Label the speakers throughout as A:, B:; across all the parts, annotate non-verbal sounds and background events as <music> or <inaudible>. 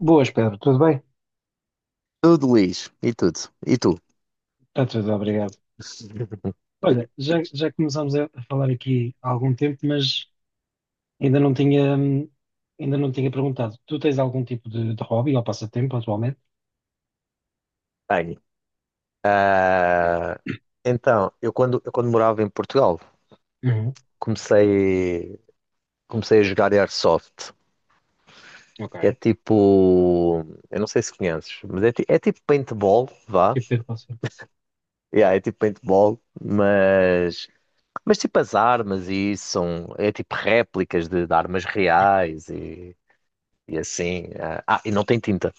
A: Boas, Pedro, tudo bem?
B: Tudo, Luís. E tudo. E tu?
A: Está tudo, obrigado. Olha, já começámos a falar aqui há algum tempo, mas ainda não tinha, hum, ainda não tinha perguntado. Tu tens algum tipo de hobby ou passatempo atualmente?
B: Bem, então, eu quando morava em Portugal,
A: Uhum.
B: comecei, comecei a jogar Airsoft,
A: Ok.
B: que é tipo, eu não sei se conheces, mas é tipo paintball, vá.
A: Tipo de passatempo.
B: Yeah, é tipo paintball, mas tipo as armas e isso são, é tipo réplicas de armas reais e assim. E não tem tinta,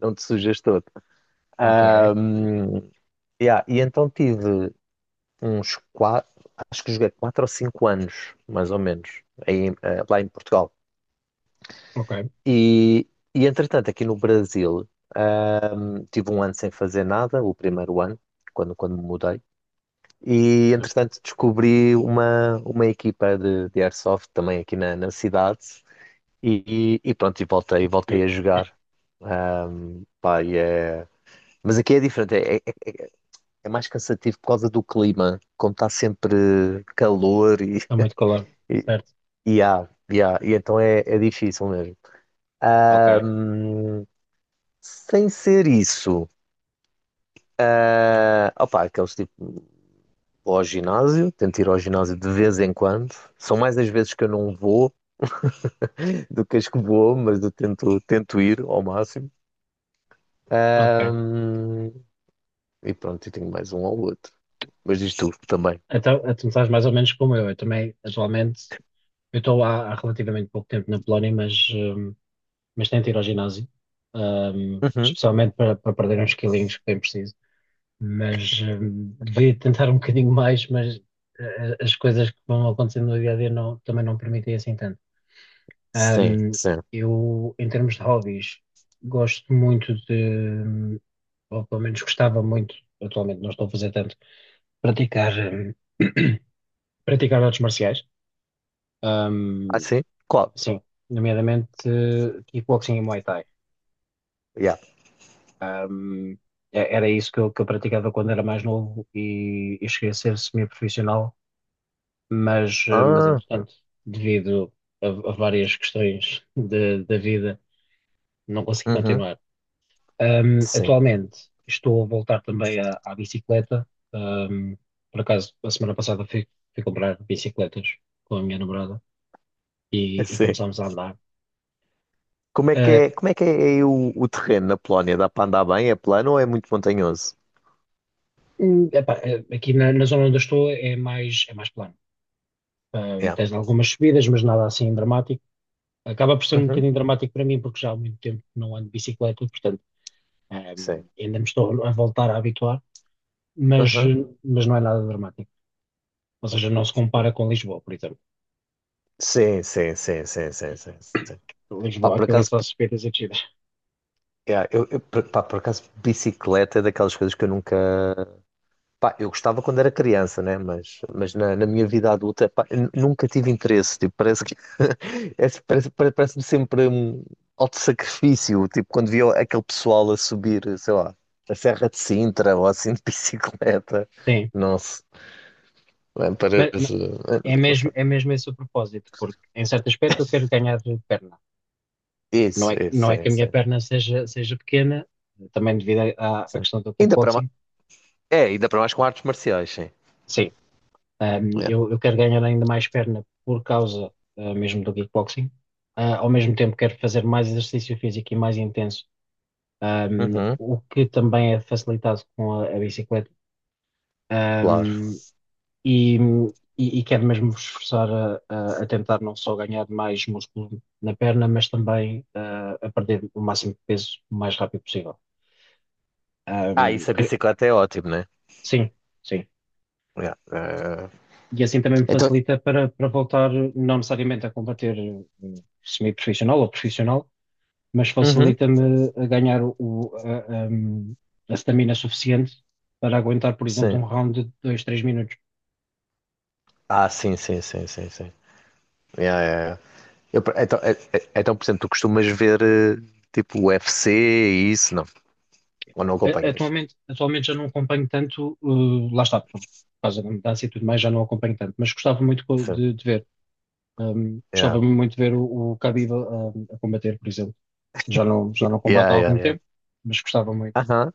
B: não te sujas todo.
A: Ok,
B: Yeah, e então tive, uns quatro, acho que joguei quatro ou cinco anos, mais ou menos, aí, lá em Portugal.
A: ok.
B: E, e entretanto, aqui no Brasil, tive um ano sem fazer nada, o primeiro ano, quando me mudei. E entretanto, descobri uma equipa de Airsoft também aqui na cidade. E pronto, e voltei a jogar. Pá, mas aqui é diferente, é mais cansativo por causa do clima, como está sempre calor e,
A: Está muito calor, certo?
B: e então é difícil mesmo.
A: Ok,
B: Sem ser isso, ah, opa, aqueles tipo, vou ao ginásio, tento ir ao ginásio de vez em quando. São mais as vezes que eu não vou <laughs> do que as que vou, mas eu tento ir ao máximo.
A: ok.
B: Ahm, e pronto, eu tenho mais um ao outro. Mas diz tu também.
A: Então, tu estás mais ou menos como eu. Eu também, atualmente, eu estou há relativamente pouco tempo na Polónia, mas tento ir ao ginásio,
B: Uhum.
A: especialmente para perder uns quilinhos que bem preciso. Mas devia tentar um bocadinho mais, mas as coisas que vão acontecendo no dia a dia não, também não permitem assim tanto.
B: Sim,
A: Hum,
B: sim.
A: eu, em termos de hobbies, gosto muito de, ou pelo menos gostava muito, atualmente não estou a fazer tanto, praticar, <coughs> <clears throat> praticar artes marciais.
B: Ah,
A: Hum,
B: sim? Qual?
A: sim, nomeadamente kickboxing e Muay Thai.
B: Yeah.
A: Hum, era isso que eu praticava quando era mais novo e cheguei a ser semi-profissional, mas, mas
B: Ah,
A: entretanto, devido a várias questões da vida, não consegui
B: uhum.
A: continuar.
B: Sim,
A: Atualmente estou a voltar também à, à bicicleta. Ahm, por acaso, a semana passada fui, fui comprar bicicletas com a minha namorada
B: <laughs>
A: e
B: sim.
A: começámos a andar. Ah,
B: Como é que é aí o terreno na Polónia? Dá para andar bem? É plano ou é muito montanhoso?
A: epá, aqui na, na zona onde eu estou é mais plano.
B: Yeah.
A: Tens algumas subidas, mas nada assim dramático. Acaba por ser um
B: Uhum.
A: bocadinho dramático para mim, porque já há muito tempo que não ando de bicicleta, portanto
B: Sim.
A: Ainda me estou a voltar a habituar, mas, mas não é nada dramático. Ou seja, não se compara com Lisboa, por exemplo.
B: Sim, sim, sim, sim, sim, sim, sim.
A: <coughs>
B: Pá,
A: Lisboa,
B: por
A: aquilo é
B: acaso,
A: só subidas e descidas.
B: yeah, por acaso, bicicleta é daquelas coisas que eu nunca. Pá, eu gostava quando era criança, né? Mas, na minha vida adulta, pá, nunca tive interesse. Tipo, parece que. <laughs> Parece-me sempre um alto sacrifício. Tipo, quando via aquele pessoal a subir, sei lá, a Serra de Sintra ou assim de <laughs> bicicleta.
A: Sim,
B: Nossa, é,
A: mas
B: parece. É, não sei.
A: é mesmo esse o propósito, porque em certo aspecto eu quero ganhar perna. Não
B: Isso,
A: é,
B: isso,
A: não é que
B: sim,
A: a minha
B: sim.
A: perna seja, seja pequena, também devido à, à
B: Sim.
A: questão do
B: Ainda para,
A: kickboxing.
B: é, ainda para mais com artes marciais, sim.
A: Sim,
B: Yeah.
A: eu quero ganhar ainda mais perna por causa mesmo do kickboxing. Ao mesmo tempo quero fazer mais exercício físico e mais intenso, um,
B: Uhum,
A: o que também é facilitado com a bicicleta.
B: claro.
A: Um, e, e quero mesmo vos esforçar a, a tentar não só ganhar mais músculo na perna, mas também a perder o máximo de peso o mais rápido possível.
B: Ah,
A: Um,
B: isso a
A: cre-
B: bicicleta é ótimo, né?
A: sim, sim.
B: Yeah.
A: E assim também me
B: Então.
A: facilita para, para voltar, não necessariamente a combater, semi-profissional ou profissional, mas
B: Uhum,
A: facilita-me a ganhar o, a, a stamina suficiente para aguentar, por exemplo,
B: sim.
A: um round de 2 3 minutos.
B: Ah, sim, sim, sim, sim, sim. Yeah, yeah, yeah. Eu, então, então, por exemplo, tu costumas ver tipo UFC e isso, não? Ou não acompanhas?
A: Atualmente, atualmente já não acompanho tanto, lá está, por causa da mudança e tudo mais, já não acompanho tanto, mas gostava muito
B: Sim.
A: de ver.
B: Yeah,
A: Gostava muito de ver o Khabib a, combater, por exemplo. Já não combate
B: yeah,
A: há
B: yeah,
A: algum
B: yeah.
A: tempo, mas gostava muito.
B: Aham.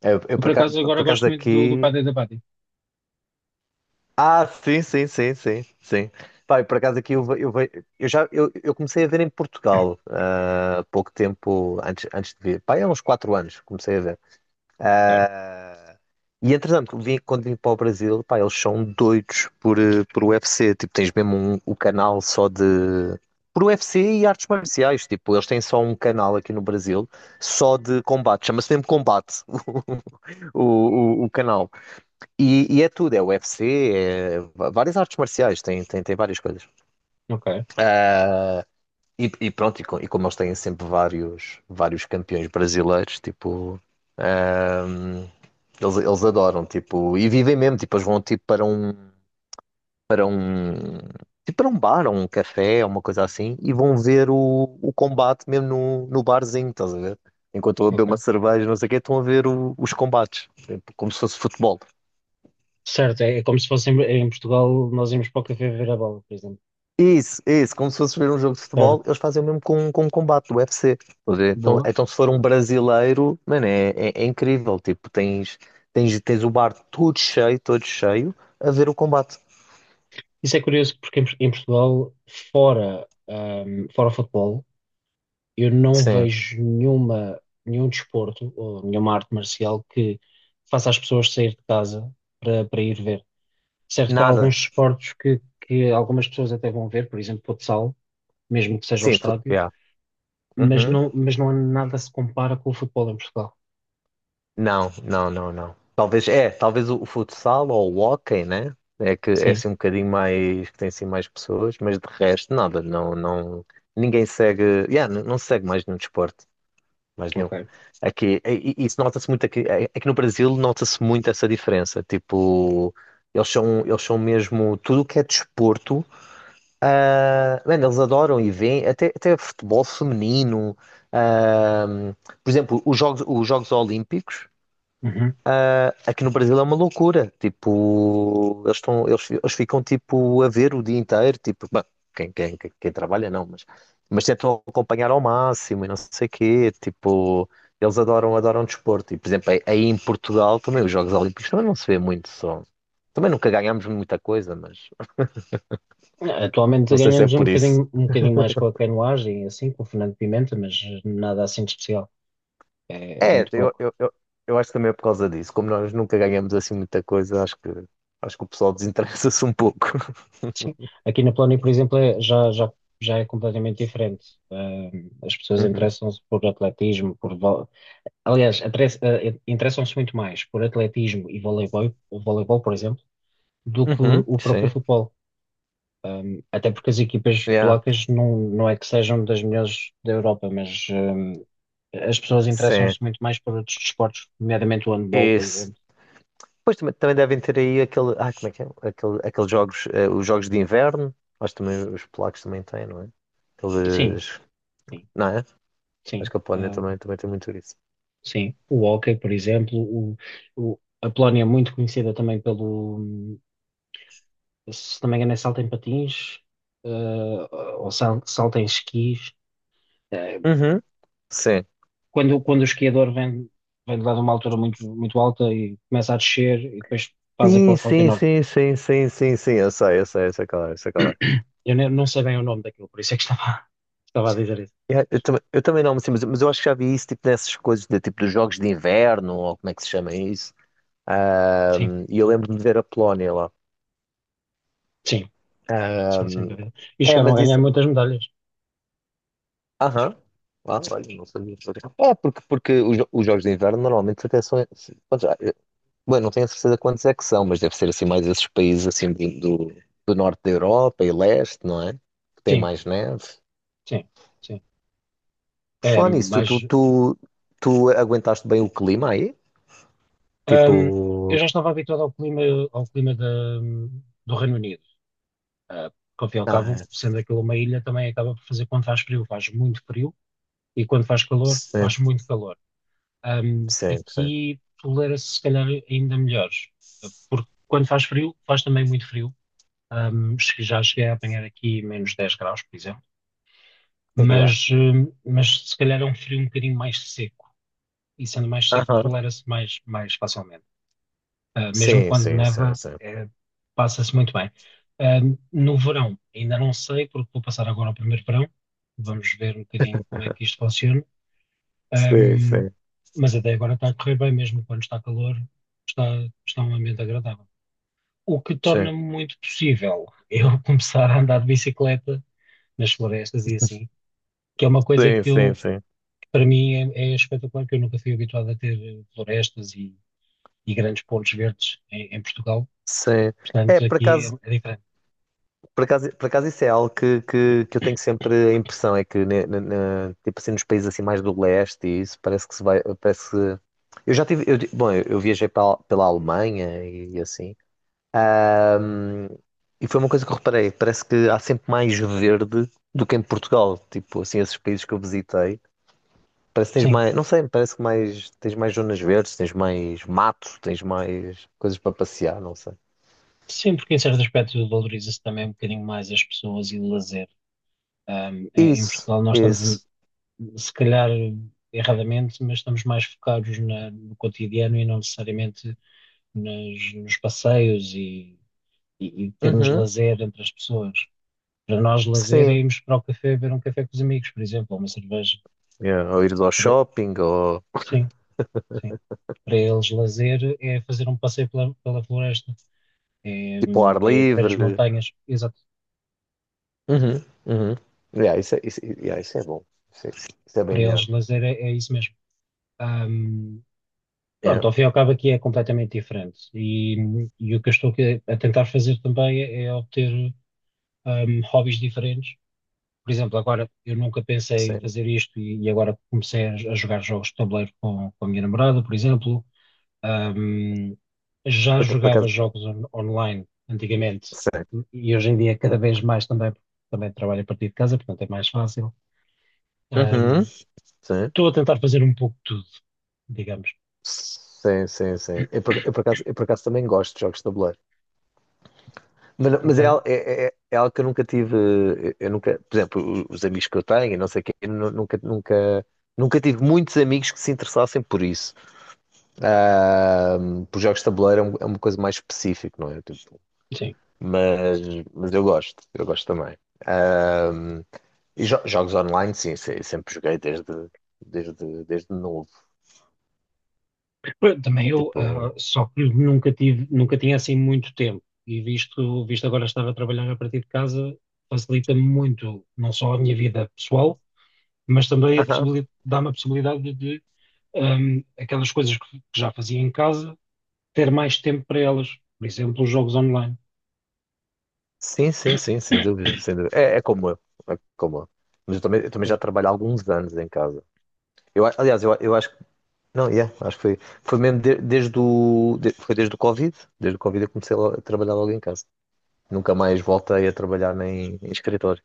B: Eu
A: Eu, por acaso, agora
B: por
A: gosto
B: acaso
A: muito do, do
B: aqui.
A: Paddy da Baddy.
B: Ah, sim, sim, sim, sim, sim. Pá, e por acaso aqui eu, ve- eu, ve- eu já eu comecei a ver em Portugal, há pouco tempo antes, antes de vir. Pá, há uns 4 anos comecei a ver.
A: Ok,
B: Ah, e entretanto, vim, quando vim para o Brasil, pá, eles são doidos por, por UFC. Tipo, tens mesmo um, o canal só de. Por UFC e artes marciais. Tipo, eles têm só um canal aqui no Brasil só de combate. Chama-se mesmo Combate <laughs> o canal. E é tudo, é UFC, várias artes marciais, tem várias coisas.
A: ok,
B: E pronto, e como eles têm sempre vários campeões brasileiros, tipo, eles adoram, tipo, e vivem mesmo, tipo, eles vão tipo, para um bar, ou um café, ou uma coisa assim, e vão ver o combate mesmo no barzinho, estás a ver? Enquanto eu a beber uma
A: ok.
B: cerveja, não sei o quê, estão a ver os combates, tipo, como se fosse futebol.
A: Certo, é, é como se fosse em, em Portugal, nós íamos para o café ver a bola, por exemplo.
B: Isso, como se fosse ver um jogo de
A: Certo.
B: futebol, eles fazem o mesmo com um combate do UFC. Estás a ver? Então,
A: Boa.
B: então, se for um brasileiro, mano, é incrível. Tipo, tens, tens o bar todo cheio, a ver o combate.
A: Isso é curioso porque em, em Portugal, fora, fora o futebol, eu não
B: Sim,
A: vejo nenhuma, nenhum desporto ou nenhuma arte marcial que faça as pessoas sair de casa para, para ir ver. Certo que há
B: nada.
A: alguns desportos que algumas pessoas até vão ver, por exemplo, futsal, mesmo que seja ao
B: Sim, fu-
A: estádio,
B: yeah. Uhum.
A: mas não há nada se compara com o futebol em Portugal.
B: Não, não, não, não. Talvez, é, talvez o futsal ou o hóquei, né? É que é
A: Sim,
B: assim um bocadinho mais, que tem assim mais pessoas, mas de resto, nada. Não, não, ninguém segue, yeah, não segue mais nenhum desporto. Mais nenhum.
A: ok.
B: Aqui, e isso nota-se muito aqui, aqui no Brasil, nota-se muito essa diferença. Tipo, eles são mesmo tudo o que é desporto. Ah, man, eles adoram e veem, até futebol feminino. Ah, por exemplo, os Jogos Olímpicos.
A: Uhum.
B: Aqui no Brasil é uma loucura. Tipo, eles estão, eles ficam tipo a ver o dia inteiro, tipo, bem, quem trabalha não, mas tentam acompanhar ao máximo e não sei quê. Tipo, adoram desporto. E, por exemplo, aí em Portugal também os Jogos Olímpicos também não se vê muito só. Também nunca ganhámos muita coisa, mas
A: Atualmente
B: não sei se é
A: ganhamos
B: por isso.
A: um bocadinho mais com a canoagem, assim, com o Fernando Pimenta, mas nada assim de especial. É, é
B: É,
A: muito pouco.
B: eu acho que também é por causa disso. Como nós nunca ganhamos assim muita coisa, acho que o pessoal desinteressa-se um pouco. <laughs>
A: Sim. Aqui na Polónia, por exemplo, já, já, já é completamente diferente. As pessoas
B: Uhum.
A: interessam-se por atletismo, por... vo- Aliás, atres- eh, interessam-se muito mais por atletismo e voleibol, o voleibol, por exemplo, do que
B: Uhum.
A: o próprio
B: Sim.
A: futebol. Até porque as equipas
B: Yeah.
A: polacas não, não é que sejam das melhores da Europa, mas as pessoas
B: Sim.
A: interessam-se muito mais por outros desportos, nomeadamente o handball, por
B: Esse.
A: exemplo.
B: Pois também, também devem ter aí aquele. Ah, como é que é? Aquele, aqueles jogos, os jogos de inverno. Acho que também os polacos também têm, não é?
A: Sim,
B: Aqueles.
A: sim,
B: Não é? Acho
A: sim.
B: que a Polónia também, também tem muito isso.
A: Sim, o hóquei, por exemplo, o, a Polónia é muito conhecida também pelo, se não me engano, é salto em patins, eh, salto em esquis. Eh,
B: Uhum. Sim.
A: quando, quando o esquiador vem, vem de lá de uma altura muito, muito alta e começa a descer e depois faz aquele
B: Sim,
A: salto
B: sim,
A: enorme.
B: sim, sim, sim, sim, sim. Eu sei, eu sei, eu sei qual é.
A: <coughs> Eu nem- não sei bem o nome daquilo, por isso é que estava, <laughs> estava a dizer isso.
B: Yeah, eu também não, sim, mas eu acho que já vi isso tipo nessas coisas, de, tipo dos jogos de inverno, ou como é que se chama isso.
A: Sim,
B: E eu lembro-me de ver a Polónia lá.
A: sim, sim, sem
B: Ahm,
A: dúvida. E
B: é,
A: chegaram a
B: mas
A: ganhar
B: isso.
A: muitas medalhas.
B: Aham. Ah, olha, não sabia. É, porque os, os jogos de inverno normalmente até são. Bom, bom, não tenho a certeza quantos é que são, mas deve ser assim mais esses países assim do, do norte da Europa e leste, não é? Que tem
A: Sim,
B: mais neve.
A: sim, sim.
B: Por
A: É,
B: falar tu, tu,
A: mas
B: tu, tu aguentaste bem o clima aí? Tipo.
A: Ahm, eu já estava habituado ao clima da, do Reino Unido. Ah, porque, ao fim e ao
B: Ah,
A: cabo, sendo aquilo uma ilha, também acaba por fazer quando faz frio, faz muito frio, e quando faz calor,
B: sim,
A: faz muito calor.
B: sim, sim.
A: Aqui tolera-se, se calhar, ainda melhores, porque quando faz frio, faz também muito frio. Já cheguei a apanhar aqui -10 graus, por exemplo,
B: Yeah.
A: mas se calhar é um frio um bocadinho mais seco, e sendo mais seco,
B: Aham.
A: tolera-se mais, mais facilmente. Mesmo
B: Sim,
A: quando
B: sim, sim,
A: neva,
B: sim.
A: passa-se muito bem. Ah, no verão, ainda não sei, porque vou passar agora ao primeiro verão. Vamos ver um bocadinho como é que isto funciona.
B: Sim,
A: Ahm,
B: sim.
A: mas até agora está a correr bem, mesmo quando está calor, está, está um ambiente agradável. O que torna
B: Sim,
A: muito possível eu <laughs> começar a andar de bicicleta nas florestas e assim, que é uma coisa
B: sim,
A: que
B: sim,
A: eu,
B: sim.
A: que para mim é, é espetacular, que eu nunca fui habituado a ter florestas e grandes pontos verdes em em Portugal.
B: Sim. É,
A: Portanto,
B: por
A: aqui é
B: acaso.
A: é diferente.
B: Por acaso, por acaso isso é algo que, que eu tenho
A: <clears throat>
B: sempre a impressão, é que tipo assim, nos países assim mais do leste e isso parece que se vai, parece que... Eu já tive, eu, eu viajei pela, pela Alemanha e, assim, e foi uma coisa que eu reparei, parece que há sempre mais verde do que em Portugal, tipo assim, esses países que eu visitei, parece que tens
A: Sim,
B: mais, não sei, parece que mais, tens mais zonas verdes, tens mais mato, tens mais coisas para passear, não sei.
A: sim, porque em certo aspecto valoriza-se também um bocadinho mais as pessoas e o lazer. Em, em
B: Isso,
A: Portugal nós estamos,
B: isso.
A: se calhar erradamente, mas estamos mais focados no cotidiano e não necessariamente nos passeios e termos
B: Uhum,
A: lazer entre as pessoas. Para nós, lazer é
B: sim.
A: irmos para o café beber um café com os amigos, por exemplo, ou uma cerveja.
B: Yeah, ou ir ao
A: Para-
B: shopping, ou
A: sim, sim. Para eles, lazer é fazer um passeio pela, pela floresta, é,
B: tipo ao ar
A: é ir ver as
B: livre.
A: montanhas.
B: Uhum, uhum. Yeah, isso, é, isso, yeah, isso é bom. Isso é bem
A: Para
B: melhor.
A: eles lazer é, é isso mesmo. Ahm,
B: Yeah,
A: pronto, ao fim e ao cabo aqui é completamente diferente. E o que eu estou aqui a tentar fazer também é, é obter hobbies diferentes. Por exemplo, agora eu nunca pensei em
B: sim.
A: fazer isto e agora comecei a jogar jogos de tabuleiro com a minha namorada, por exemplo. Ahm, já
B: Por, por
A: jogava
B: acaso,
A: jogos online antigamente
B: sim,
A: e hoje em dia cada vez mais também, porque também trabalho a partir de casa, portanto é mais fácil.
B: uhum,
A: Ahm,
B: sim,
A: estou a tentar fazer um pouco de tudo, digamos.
B: sim, sim, sim. Eu por acaso também gosto de jogos de tabuleiro. Mas é,
A: Ok.
B: é algo que eu nunca tive. Eu, nunca, por exemplo, os amigos que eu tenho, e não sei quê, nunca, nunca tive muitos amigos que se interessassem por isso. Ah, por jogos de tabuleiro é um- é uma coisa mais específica, não é?
A: Sim.
B: Mas, eu gosto também. Ahm, e jogos online, sim, sim, sempre joguei desde, desde novo.
A: Pá, também eu,
B: Tipo,
A: só que nunca tive, nunca tinha assim muito tempo. E visto, visto agora estar a trabalhar a partir de casa, facilita muito, não só a minha vida pessoal, mas também a
B: aham,
A: possibilidade, dá-me a possibilidade de, aquelas coisas que já fazia em casa, ter mais tempo para elas. Por exemplo, os jogos online.
B: sim, sim, sim, sem dúvida, sem dúvida. É, é como eu, é como eu. Mas eu também já
A: Certo?
B: trabalho há alguns anos em casa. Eu, eu acho que, não, yeah, acho que foi, foi mesmo desde o, foi desde o Covid eu comecei a trabalhar logo em casa. Nunca mais voltei a trabalhar nem em escritório.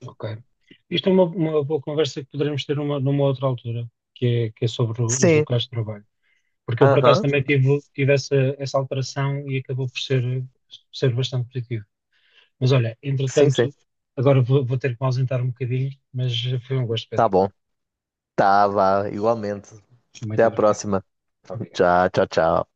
A: Ok. Isto é uma boa conversa que poderemos ter numa, numa outra altura, que é sobre os
B: Sim,
A: locais de trabalho. Porque eu, por acaso,
B: aham,
A: também tive, tive essa, essa alteração e acabou por ser, ser bastante positivo. Mas olha,
B: sim, sim,
A: entretanto, agora vou, vou ter que me ausentar um bocadinho, mas foi um gosto, Pedro.
B: tá bom. Tava, igualmente. Até
A: Muito
B: a
A: obrigado.
B: próxima.
A: Obrigado.
B: Tchau, tchau, tchau.